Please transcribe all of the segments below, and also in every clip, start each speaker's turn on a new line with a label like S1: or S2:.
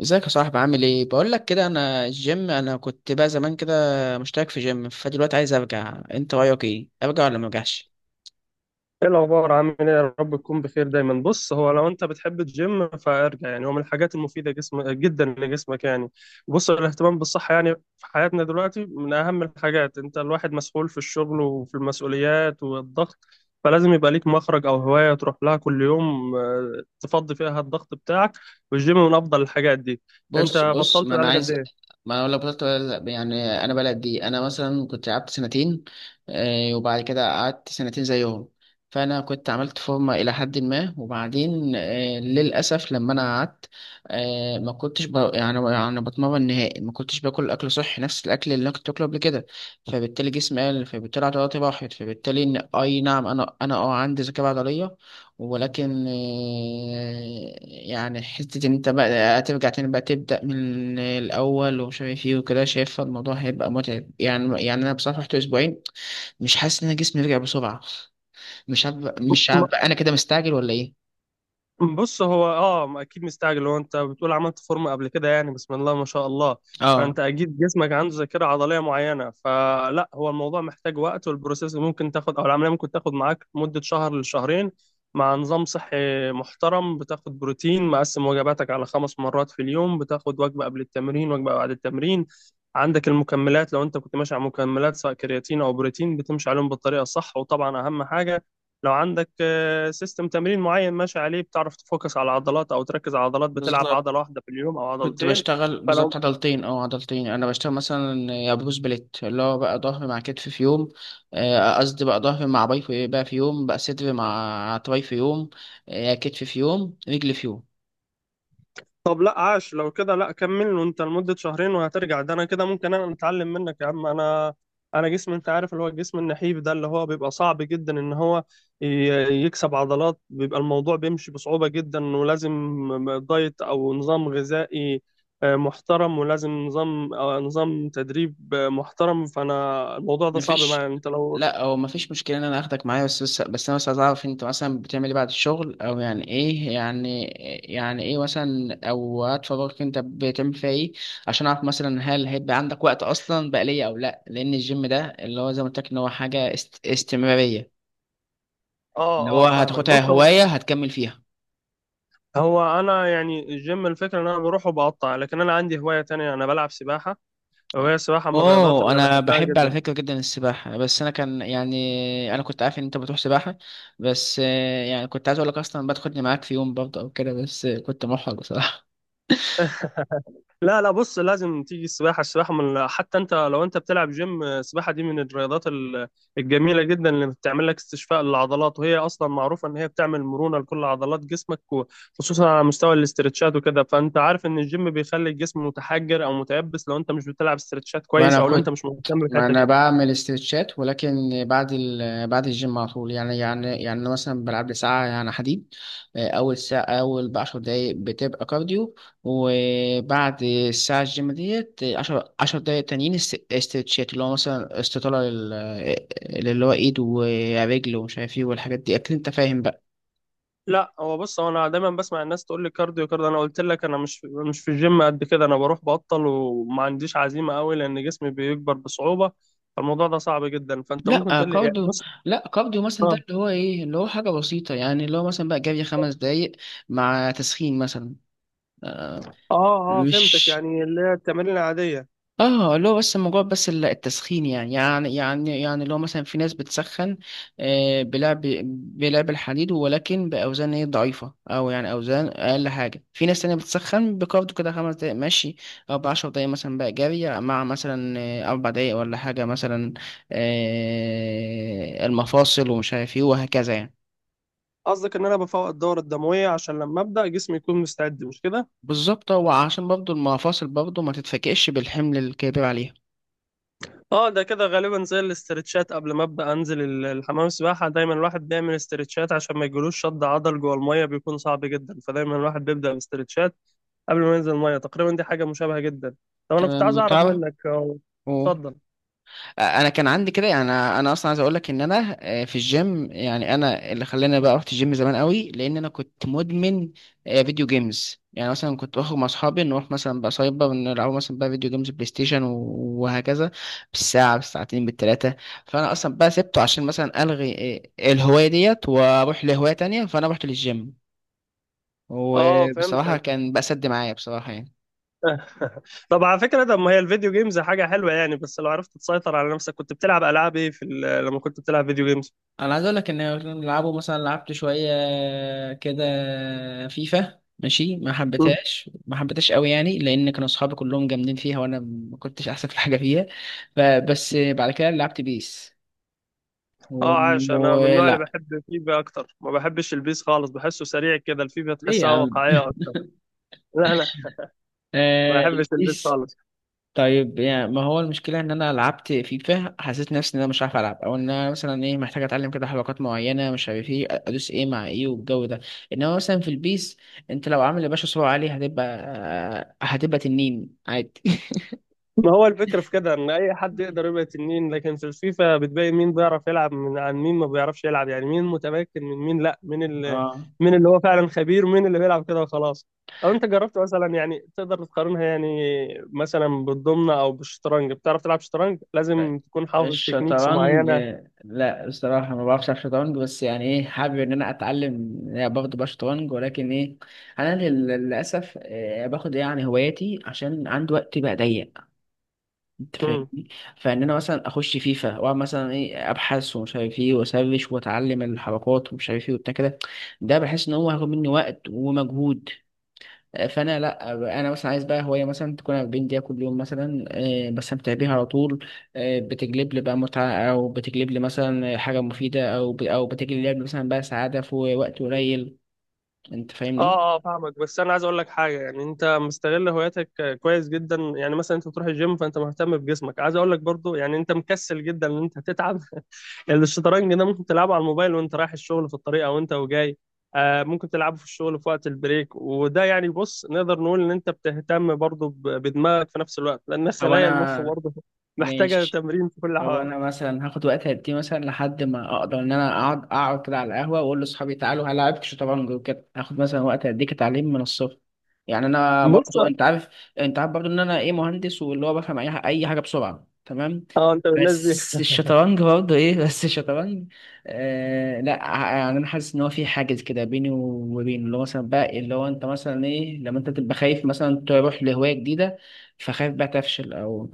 S1: ازيك يا صاحبي؟ عامل ايه؟ بقول لك كده، انا كنت بقى زمان كده مشترك في جيم، فدلوقتي عايز ارجع. انت رايك ايه؟ ارجع ولا ما ارجعش؟
S2: ايه الاخبار؟ عامل ايه؟ يا رب تكون بخير دايما. بص، هو لو انت بتحب الجيم فارجع، يعني هو من الحاجات المفيده جسم جدا لجسمك. يعني بص، الاهتمام بالصحه يعني في حياتنا دلوقتي من اهم الحاجات. انت الواحد مسؤول في الشغل وفي المسؤوليات والضغط، فلازم يبقى ليك مخرج او هوايه تروح لها كل يوم، تفضي فيها الضغط بتاعك. والجيم من افضل الحاجات دي. انت
S1: بص بص،
S2: بطلت بقالك قد ايه؟
S1: ما انا لو بطلت. يعني انا بلد دي انا مثلا كنت لعبت سنتين، وبعد كده قعدت سنتين زيهم. فانا كنت عملت فورمه الى حد ما، وبعدين للاسف لما انا قعدت، ما كنتش ب... يعني يعني بتمرن نهائي، ما كنتش باكل اكل صحي، نفس الاكل اللي انا كنت باكله قبل كده. فبالتالي جسمي قل، فبالتالي عضلاتي راحت، فبالتالي اي نعم، انا عندي ذكاء عضليه. ولكن يعني حتة إن أنت بقى هترجع تاني، بقى تبدأ من الأول ومش عارف إيه وكده. شايف الموضوع هيبقى متعب، يعني أنا بصراحة رحت أسبوعين، مش حاسس إن أنا جسمي رجع بسرعة. مش عارف، أنا كده مستعجل ولا إيه؟
S2: بص، هو اه، ما اكيد مستعجل. هو انت بتقول عملت فورمه قبل كده، يعني بسم الله ما شاء الله.
S1: آه،
S2: فانت اكيد جسمك عنده ذاكره عضليه معينه، فلا هو الموضوع محتاج وقت، والبروسيس ممكن تاخد او العمليه ممكن تاخد معاك مده شهر لشهرين، مع نظام صحي محترم. بتاخد بروتين مقسم، وجباتك على خمس مرات في اليوم، بتاخد وجبه قبل التمرين وجبه بعد التمرين. عندك المكملات لو انت كنت ماشي على مكملات، سواء كرياتين او بروتين بتمشي عليهم بالطريقه الصح. وطبعا اهم حاجه لو عندك سيستم تمرين معين ماشي عليه، بتعرف تفوكس على عضلات او تركز على عضلات، بتلعب
S1: بالظبط.
S2: عضله واحده في اليوم او
S1: كنت
S2: عضلتين.
S1: بشتغل بالظبط
S2: فلو
S1: عضلتين انا بشتغل، مثلا يا بروس بليت، اللي هو بقى ظهر مع كتف في يوم. قصدي، بقى ظهر مع باي في بقى في يوم، بقى صدر مع تراي في يوم، كتف في يوم، رجل في يوم.
S2: طب لا، عاش، لو كده لا كمل وانت لمده شهرين وهترجع. ده انا كده ممكن انا اتعلم منك يا عم. انا انا جسم، انت عارف اللي هو الجسم النحيف ده اللي هو بيبقى صعب جدا ان هو يكسب عضلات، بيبقى الموضوع بيمشي بصعوبة جدا، ولازم دايت او نظام غذائي محترم، ولازم نظام نظام تدريب محترم. فانا الموضوع ده صعب
S1: مفيش.
S2: معايا. انت لو
S1: لا، هو مفيش مشكلة ان انا اخدك معايا، بس انا بس عايز اعرف، انت مثلا بتعمل ايه بعد الشغل، او يعني ايه، يعني يعني ايه مثلا، او وقت فراغك انت بتعمل فيها ايه؟ عشان اعرف مثلا هل هيبقى عندك وقت اصلا بقى ليا او لا، لان الجيم ده اللي هو زي ما قلت لك ان هو حاجة استمرارية،
S2: اه
S1: اللي هو
S2: اه فاهمك.
S1: هتاخدها
S2: بص هو،
S1: هواية هتكمل فيها.
S2: هو انا يعني الجيم الفكره ان انا بروح وبقطع، لكن انا عندي هوايه تانية، انا بلعب سباحه، وهي السباحه من الرياضات
S1: اوه،
S2: اللي
S1: انا
S2: بحبها
S1: بحب على
S2: جدا.
S1: فكره جدا السباحه، بس انا كان يعني انا كنت عارف ان انت بتروح سباحه، بس يعني كنت عايز اقول لك اصلا بدخلني معاك في يوم برضه او كده، بس كنت محرج بصراحه.
S2: لا لا، بص لازم تيجي السباحه. السباحه من، حتى انت لو انت بتلعب جيم، السباحه دي من الرياضات الجميله جدا، اللي بتعمل لك استشفاء للعضلات، وهي اصلا معروفه ان هي بتعمل مرونه لكل عضلات جسمك، خصوصا على مستوى الاسترتشات وكده. فانت عارف ان الجيم بيخلي الجسم متحجر او متيبس لو انت مش بتلعب استرتشات كويس،
S1: وانا
S2: او لو انت
S1: كنت
S2: مش مهتم
S1: ما
S2: بالحته
S1: انا
S2: دي.
S1: بعمل استرتشات، ولكن بعد الجيم على طول، يعني أنا مثلا بلعب لي ساعه، يعني حديد. اول ساعه، ب10 دقايق بتبقى كارديو، وبعد الساعه الجيم ديت عشر دقايق تانيين استرتشات، اللي هو مثلا استطاله اللي هو ايد ورجل ومش عارف ايه والحاجات دي، اكيد انت فاهم بقى.
S2: لا هو بص، هو انا دايما بسمع الناس تقول لي كارديو كارديو. انا قلت لك انا مش في الجيم قد كده، انا بروح بطل وما عنديش عزيمه قوي، لان جسمي بيكبر بصعوبه، فالموضوع ده صعب جدا. فانت ممكن
S1: لا
S2: تقول لي يعني
S1: كارديو.
S2: بص،
S1: لا، كارديو مثلا، ده
S2: اه
S1: اللي هو ايه، اللي هو حاجه بسيطه، يعني اللي هو مثلا بقى جري 5 دقايق مع تسخين مثلا. آه،
S2: اه اه فهمتك،
S1: مش
S2: يعني اللي هي التمارين العاديه.
S1: اه اللي هو بس الموضوع، بس التسخين، يعني اللي هو مثلا، في ناس بتسخن، آه، بلعب بلعب الحديد ولكن باوزان ايه ضعيفه، او يعني اوزان اقل حاجه. في ناس تانية بتسخن بكارديو كده خمس دقايق مشي، او بعشر دقايق مثلا بقى جري مع مثلا 4 دقايق ولا حاجه، مثلا المفاصل ومش عارف ايه وهكذا، يعني.
S2: قصدك ان انا بفوق الدوره الدمويه عشان لما ابدا جسمي يكون مستعد، مش كده؟
S1: بالظبط، وعشان برضه المفاصل برضه ما تتفكئش بالحمل الكبير عليها.
S2: اه، ده كده غالبا زي الاسترتشات قبل ما ابدا انزل الحمام السباحه، دايما الواحد بيعمل استرتشات عشان ما يجيلوش شد عضل، جوه الميه بيكون صعب جدا، فدايما الواحد بيبدا باسترتشات قبل ما ينزل الميه. تقريبا دي حاجه مشابهه جدا. طب انا كنت عايز
S1: تمام،
S2: اعرف
S1: تعرف
S2: منك أهو. اتفضل.
S1: انا كان عندي كده، يعني انا اصلا عايز اقول لك ان انا في الجيم، يعني انا اللي خلاني بقى رحت الجيم زمان قوي، لان انا كنت مدمن فيديو جيمز. يعني مثلا كنت بخرج مع اصحابي، نروح مثلا بقى سايبر نلعب مثلا بقى فيديو جيمز، بلاي ستيشن وهكذا، بالساعه، بالساعتين، بالثلاثه. فانا اصلا بقى سبته عشان مثلا الغي الهوايه ديت واروح لهوايه تانية، فانا رحت للجيم،
S2: اه
S1: وبصراحه
S2: فهمتك.
S1: كان بقى سد معايا بصراحه، يعني.
S2: طب على فكره، طب ما هي الفيديو جيمز حاجه حلوه يعني، بس لو عرفت تسيطر على نفسك. كنت بتلعب العاب ايه في لما كنت بتلعب فيديو جيمز؟
S1: انا عايز اقول لك ان كنا بنلعبه، مثلا لعبت شويه كده فيفا ماشي، ما
S2: مم.
S1: حبيتهاش، ما حبيتهاش قوي، يعني لان كانوا اصحابي كلهم جامدين فيها، وانا ما كنتش احسن في حاجه فيها. ف- بس بعد كده لعبت بيس و...
S2: اه عاش، انا من النوع اللي
S1: لا،
S2: بحب فيفا اكتر، ما بحبش البيس خالص، بحسه سريع كده، الفيفا
S1: ليه يا
S2: تحسها
S1: عم؟
S2: واقعيه اكتر. لا لا، ما
S1: آه...
S2: بحبش البيس خالص.
S1: طيب، يعني ما هو المشكلة إن أنا لعبت فيفا، حسيت نفسي إن أنا مش عارف ألعب، أو إن أنا مثلا إيه، محتاج أتعلم كده حركات معينة، مش عارف إيه أدوس إيه مع إيه والجو ده. إنما مثلا في البيس، أنت لو عامل يا باشا سرعة عالية، هتبقى تنين عادي.
S2: ما هو الفكرة في كده إن أي حد يقدر يبقى تنين، لكن في الفيفا بتبين مين بيعرف يلعب من عن مين ما بيعرفش يلعب، يعني مين متمكن من مين. لأ، مين اللي،
S1: اه،
S2: مين اللي هو فعلا خبير ومين اللي بيلعب كده وخلاص. لو أنت جربت مثلا، يعني تقدر تقارنها، يعني مثلا بالضمنة أو بالشطرنج. بتعرف تلعب شطرنج؟ لازم تكون حافظ تكنيكس
S1: الشطرنج.
S2: معينة.
S1: لا، الصراحة ما بعرفش ألعب شطرنج، بس يعني ايه، حابب ان انا اتعلم برضه بقى شطرنج، ولكن ايه، انا للاسف باخد يعني هواياتي عشان عندي وقت بقى ضيق، انت فاهمني. فان انا مثلا اخش فيفا واقعد مثلا ايه، ابحث ومش عارف ايه واسرش واتعلم الحركات ومش عارف ايه وبتاع كده، ده بحس ان هو هياخد مني وقت ومجهود، فانا لا. انا مثلا عايز بقى هوايه مثلا تكون 40 دقيقه كل يوم مثلا، بستمتع بيها على طول، بتجلب لي بقى متعه، او بتجلب لي مثلا حاجه مفيده، او بتجلب لي مثلا بقى سعاده في وقت قليل، انت فاهمني.
S2: اه اه فاهمك، بس انا عايز اقول لك حاجه. يعني انت مستغل هواياتك كويس جدا، يعني مثلا انت بتروح الجيم، فانت مهتم بجسمك. عايز اقول لك برضو يعني انت مكسل جدا ان انت تتعب يعني الشطرنج ده ممكن تلعبه على الموبايل وانت رايح الشغل في الطريق او انت وجاي، آه ممكن تلعبه في الشغل في وقت البريك. وده يعني بص، نقدر نقول ان انت بتهتم برضو بدماغك في نفس الوقت، لان
S1: او
S2: خلايا المخ
S1: انا
S2: برضو محتاجه
S1: ماشي.
S2: تمرين في كل
S1: طب
S2: الاحوال.
S1: انا مثلا هاخد وقت قد ايه، مثلا لحد ما اقدر ان انا اقعد كده على القهوه واقول لاصحابي تعالوا هلعبك شطرنج وكده؟ هاخد مثلا وقت قد ايه كتعليم من الصفر؟ يعني انا
S2: بص
S1: برضو انت عارف، برضو ان انا ايه مهندس، واللي هو بفهم اي حاجه بسرعه، تمام.
S2: اه، انت من الناس دي.
S1: بس الشطرنج برضو ايه، بس الشطرنج، لا، يعني انا حاسس ان هو في حاجز كده بيني وبين اللي هو مثلا بقى، اللي هو انت مثلا ايه، لما انت تبقى خايف مثلا تروح لهوايه جديده، فخايف بقى تفشل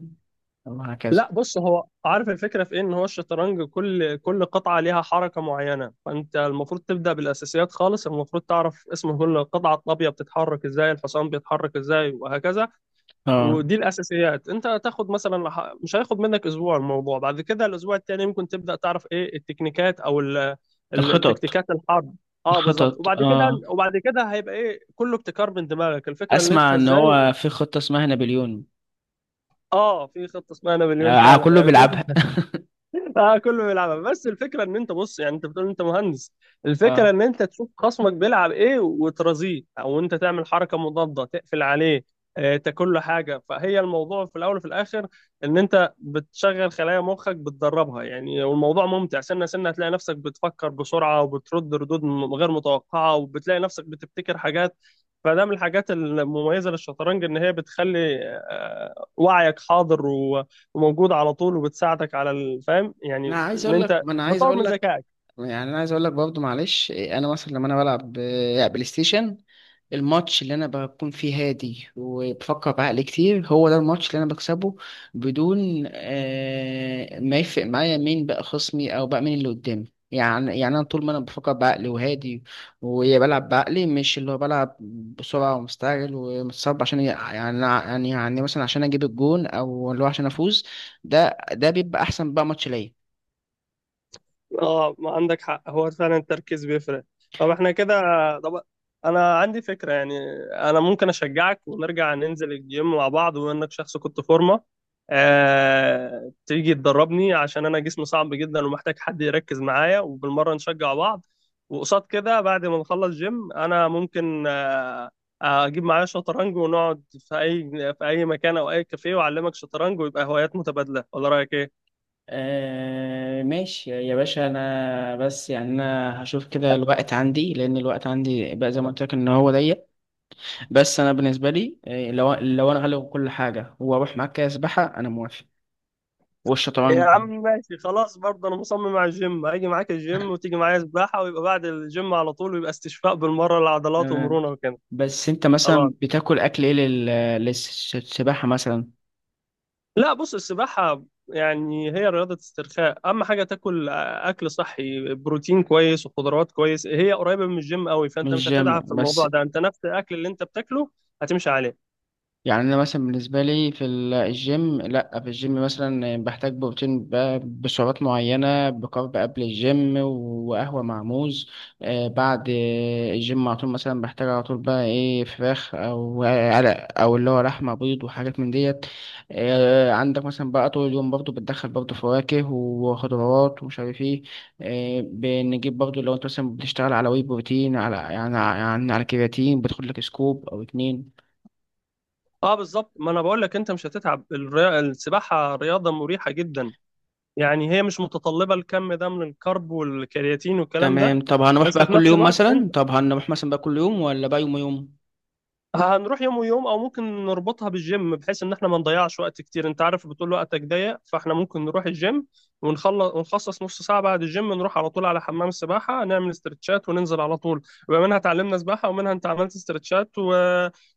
S1: او هكذا.
S2: لا بص، هو عارف الفكرة في ايه، ان هو الشطرنج كل قطعة ليها حركة معينة، فانت المفروض تبدأ بالاساسيات خالص. المفروض تعرف اسم كل قطعة، الطابية بتتحرك ازاي، الحصان بيتحرك ازاي، وهكذا.
S1: اه،
S2: ودي الاساسيات. انت هتاخد مثلا مش هياخد منك اسبوع الموضوع، بعد كده الاسبوع التاني ممكن تبدأ تعرف ايه التكنيكات او
S1: الخطط.
S2: التكتيكات الحرب. اه بالظبط.
S1: الخطط،
S2: وبعد كده
S1: اه،
S2: وبعد كده هيبقى ايه، كله ابتكار من دماغك. الفكرة ان انت
S1: اسمع ان
S2: ازاي،
S1: هو في خطة اسمها نابليون.
S2: اه في خطة اسمها نابليون
S1: آه،
S2: فعلا،
S1: كله
S2: يعني شوف.
S1: بيلعبها.
S2: اه كله بيلعبها، بس الفكره ان انت، بص يعني، انت بتقول انت مهندس. الفكره
S1: اه،
S2: ان انت تشوف خصمك بيلعب ايه وترازيه، او انت تعمل حركه مضاده تقفل عليه، تاكل له حاجه. فهي الموضوع في الاول وفي الاخر ان انت بتشغل خلايا مخك، بتدربها يعني. والموضوع ممتع، سنه سنه هتلاقي نفسك بتفكر بسرعه، وبترد ردود غير متوقعه، وبتلاقي نفسك بتبتكر حاجات. فده من الحاجات المميزه للشطرنج، ان هي بتخلي وعيك حاضر وموجوده على طول، وبتساعدك على الفهم،
S1: انا
S2: يعني
S1: عايز
S2: ان
S1: اقول لك
S2: انت
S1: ما
S2: بتطور من ذكائك.
S1: انا عايز اقول لك برضه، معلش إيه، انا مثلا لما انا بلعب بلاي ستيشن، الماتش اللي انا بكون فيه هادي وبفكر بعقل كتير، هو ده الماتش اللي انا بكسبه بدون، ما يفرق معايا مين بقى خصمي او بقى مين اللي قدامي. يعني انا طول ما انا بفكر بعقلي وهادي، وبلعب بعقلي، مش اللي هو بلعب بسرعه ومستعجل ومتصاب، عشان يعني مثلا عشان اجيب الجون او اللي هو عشان افوز، ده بيبقى احسن بقى ماتش ليا.
S2: اه ما عندك حق، هو فعلا التركيز بيفرق. طب احنا كده، طب انا عندي فكرة يعني. انا ممكن اشجعك ونرجع ننزل الجيم مع بعض، وانك شخص كنت فورمة، تيجي تدربني عشان انا جسمي صعب جدا ومحتاج حد يركز معايا، وبالمرة نشجع بعض. وقصاد كده بعد ما نخلص جيم انا ممكن اجيب معايا شطرنج ونقعد في اي، في اي مكان او اي كافيه، واعلمك شطرنج، ويبقى هوايات متبادلة. ولا رأيك ايه؟
S1: آه، ماشي يا باشا. انا بس يعني انا هشوف كده الوقت عندي، لان الوقت عندي بقى زي ما قلت لك ان هو ضيق، بس انا بالنسبه لي، لو انا هلغي كل حاجه واروح معاك كده سباحه، انا موافق.
S2: يا
S1: والشطرنج
S2: عم ماشي خلاص، برضه انا مصمم على الجيم، هاجي معاك الجيم وتيجي معايا سباحه، ويبقى بعد الجيم على طول، ويبقى استشفاء بالمره للعضلات
S1: تمام.
S2: ومرونه وكده.
S1: بس انت
S2: خلاص،
S1: مثلا بتاكل اكل ايه للسباحه مثلا؟
S2: لا بص، السباحه يعني هي رياضه استرخاء، اهم حاجه تاكل اكل صحي، بروتين كويس وخضروات كويس. هي قريبه من الجيم قوي، فانت
S1: مش
S2: مش
S1: جيم
S2: هتتعب في
S1: بس.
S2: الموضوع ده، انت نفس الاكل اللي انت بتاكله هتمشي عليه.
S1: يعني انا مثلا بالنسبه لي في الجيم، لا، في الجيم مثلا بحتاج بروتين بسعرات معينه، بكارب قبل الجيم وقهوه مع موز، بعد الجيم على طول مثلا بحتاج على طول، بقى ايه فراخ او علق او اللي هو لحمه، بيض وحاجات من ديت. عندك مثلا بقى طول اليوم برضو بتدخل برضو فواكه وخضروات ومش عارف ايه، بنجيب برضو لو انت مثلا بتشتغل على وي بروتين، على يعني على كرياتين، بتاخد لك سكوب او اتنين.
S2: اه بالظبط، ما انا بقول لك انت مش هتتعب. السباحه رياضه مريحه جدا، يعني هي مش متطلبة الكم ده من الكرب والكرياتين والكلام ده.
S1: تمام. طب هنروح
S2: بس
S1: بقى
S2: في
S1: كل
S2: نفس
S1: يوم
S2: الوقت
S1: مثلا؟
S2: انت،
S1: طب هنروح مثلا بقى كل يوم ولا بقى يوم يوم؟
S2: هنروح يوم ويوم، او ممكن نربطها بالجيم بحيث ان احنا ما نضيعش وقت كتير، انت عارف بتقول وقتك ضيق، فاحنا ممكن نروح الجيم ونخلص، ونخصص نص ساعة بعد الجيم نروح على طول على حمام السباحة، نعمل استرتشات وننزل على طول. يبقى منها اتعلمنا سباحة، ومنها انت عملت استرتشات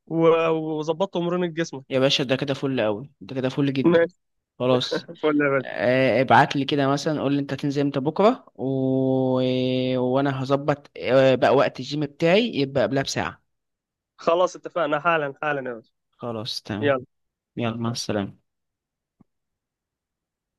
S2: و... وظبطت مرونة
S1: يا
S2: جسمك.
S1: باشا، ده كده فل قوي، ده كده فل جدا.
S2: ماشي،
S1: خلاص.
S2: فل يا باشا.
S1: ابعت لي كده مثلا، قول لي انت هتنزل امتى بكره، وانا هظبط بقى وقت الجيم بتاعي يبقى قبلها بساعه.
S2: خلاص اتفقنا، حالا حالا يا باشا.
S1: خلاص تمام.
S2: يلا
S1: يلا مع السلامه.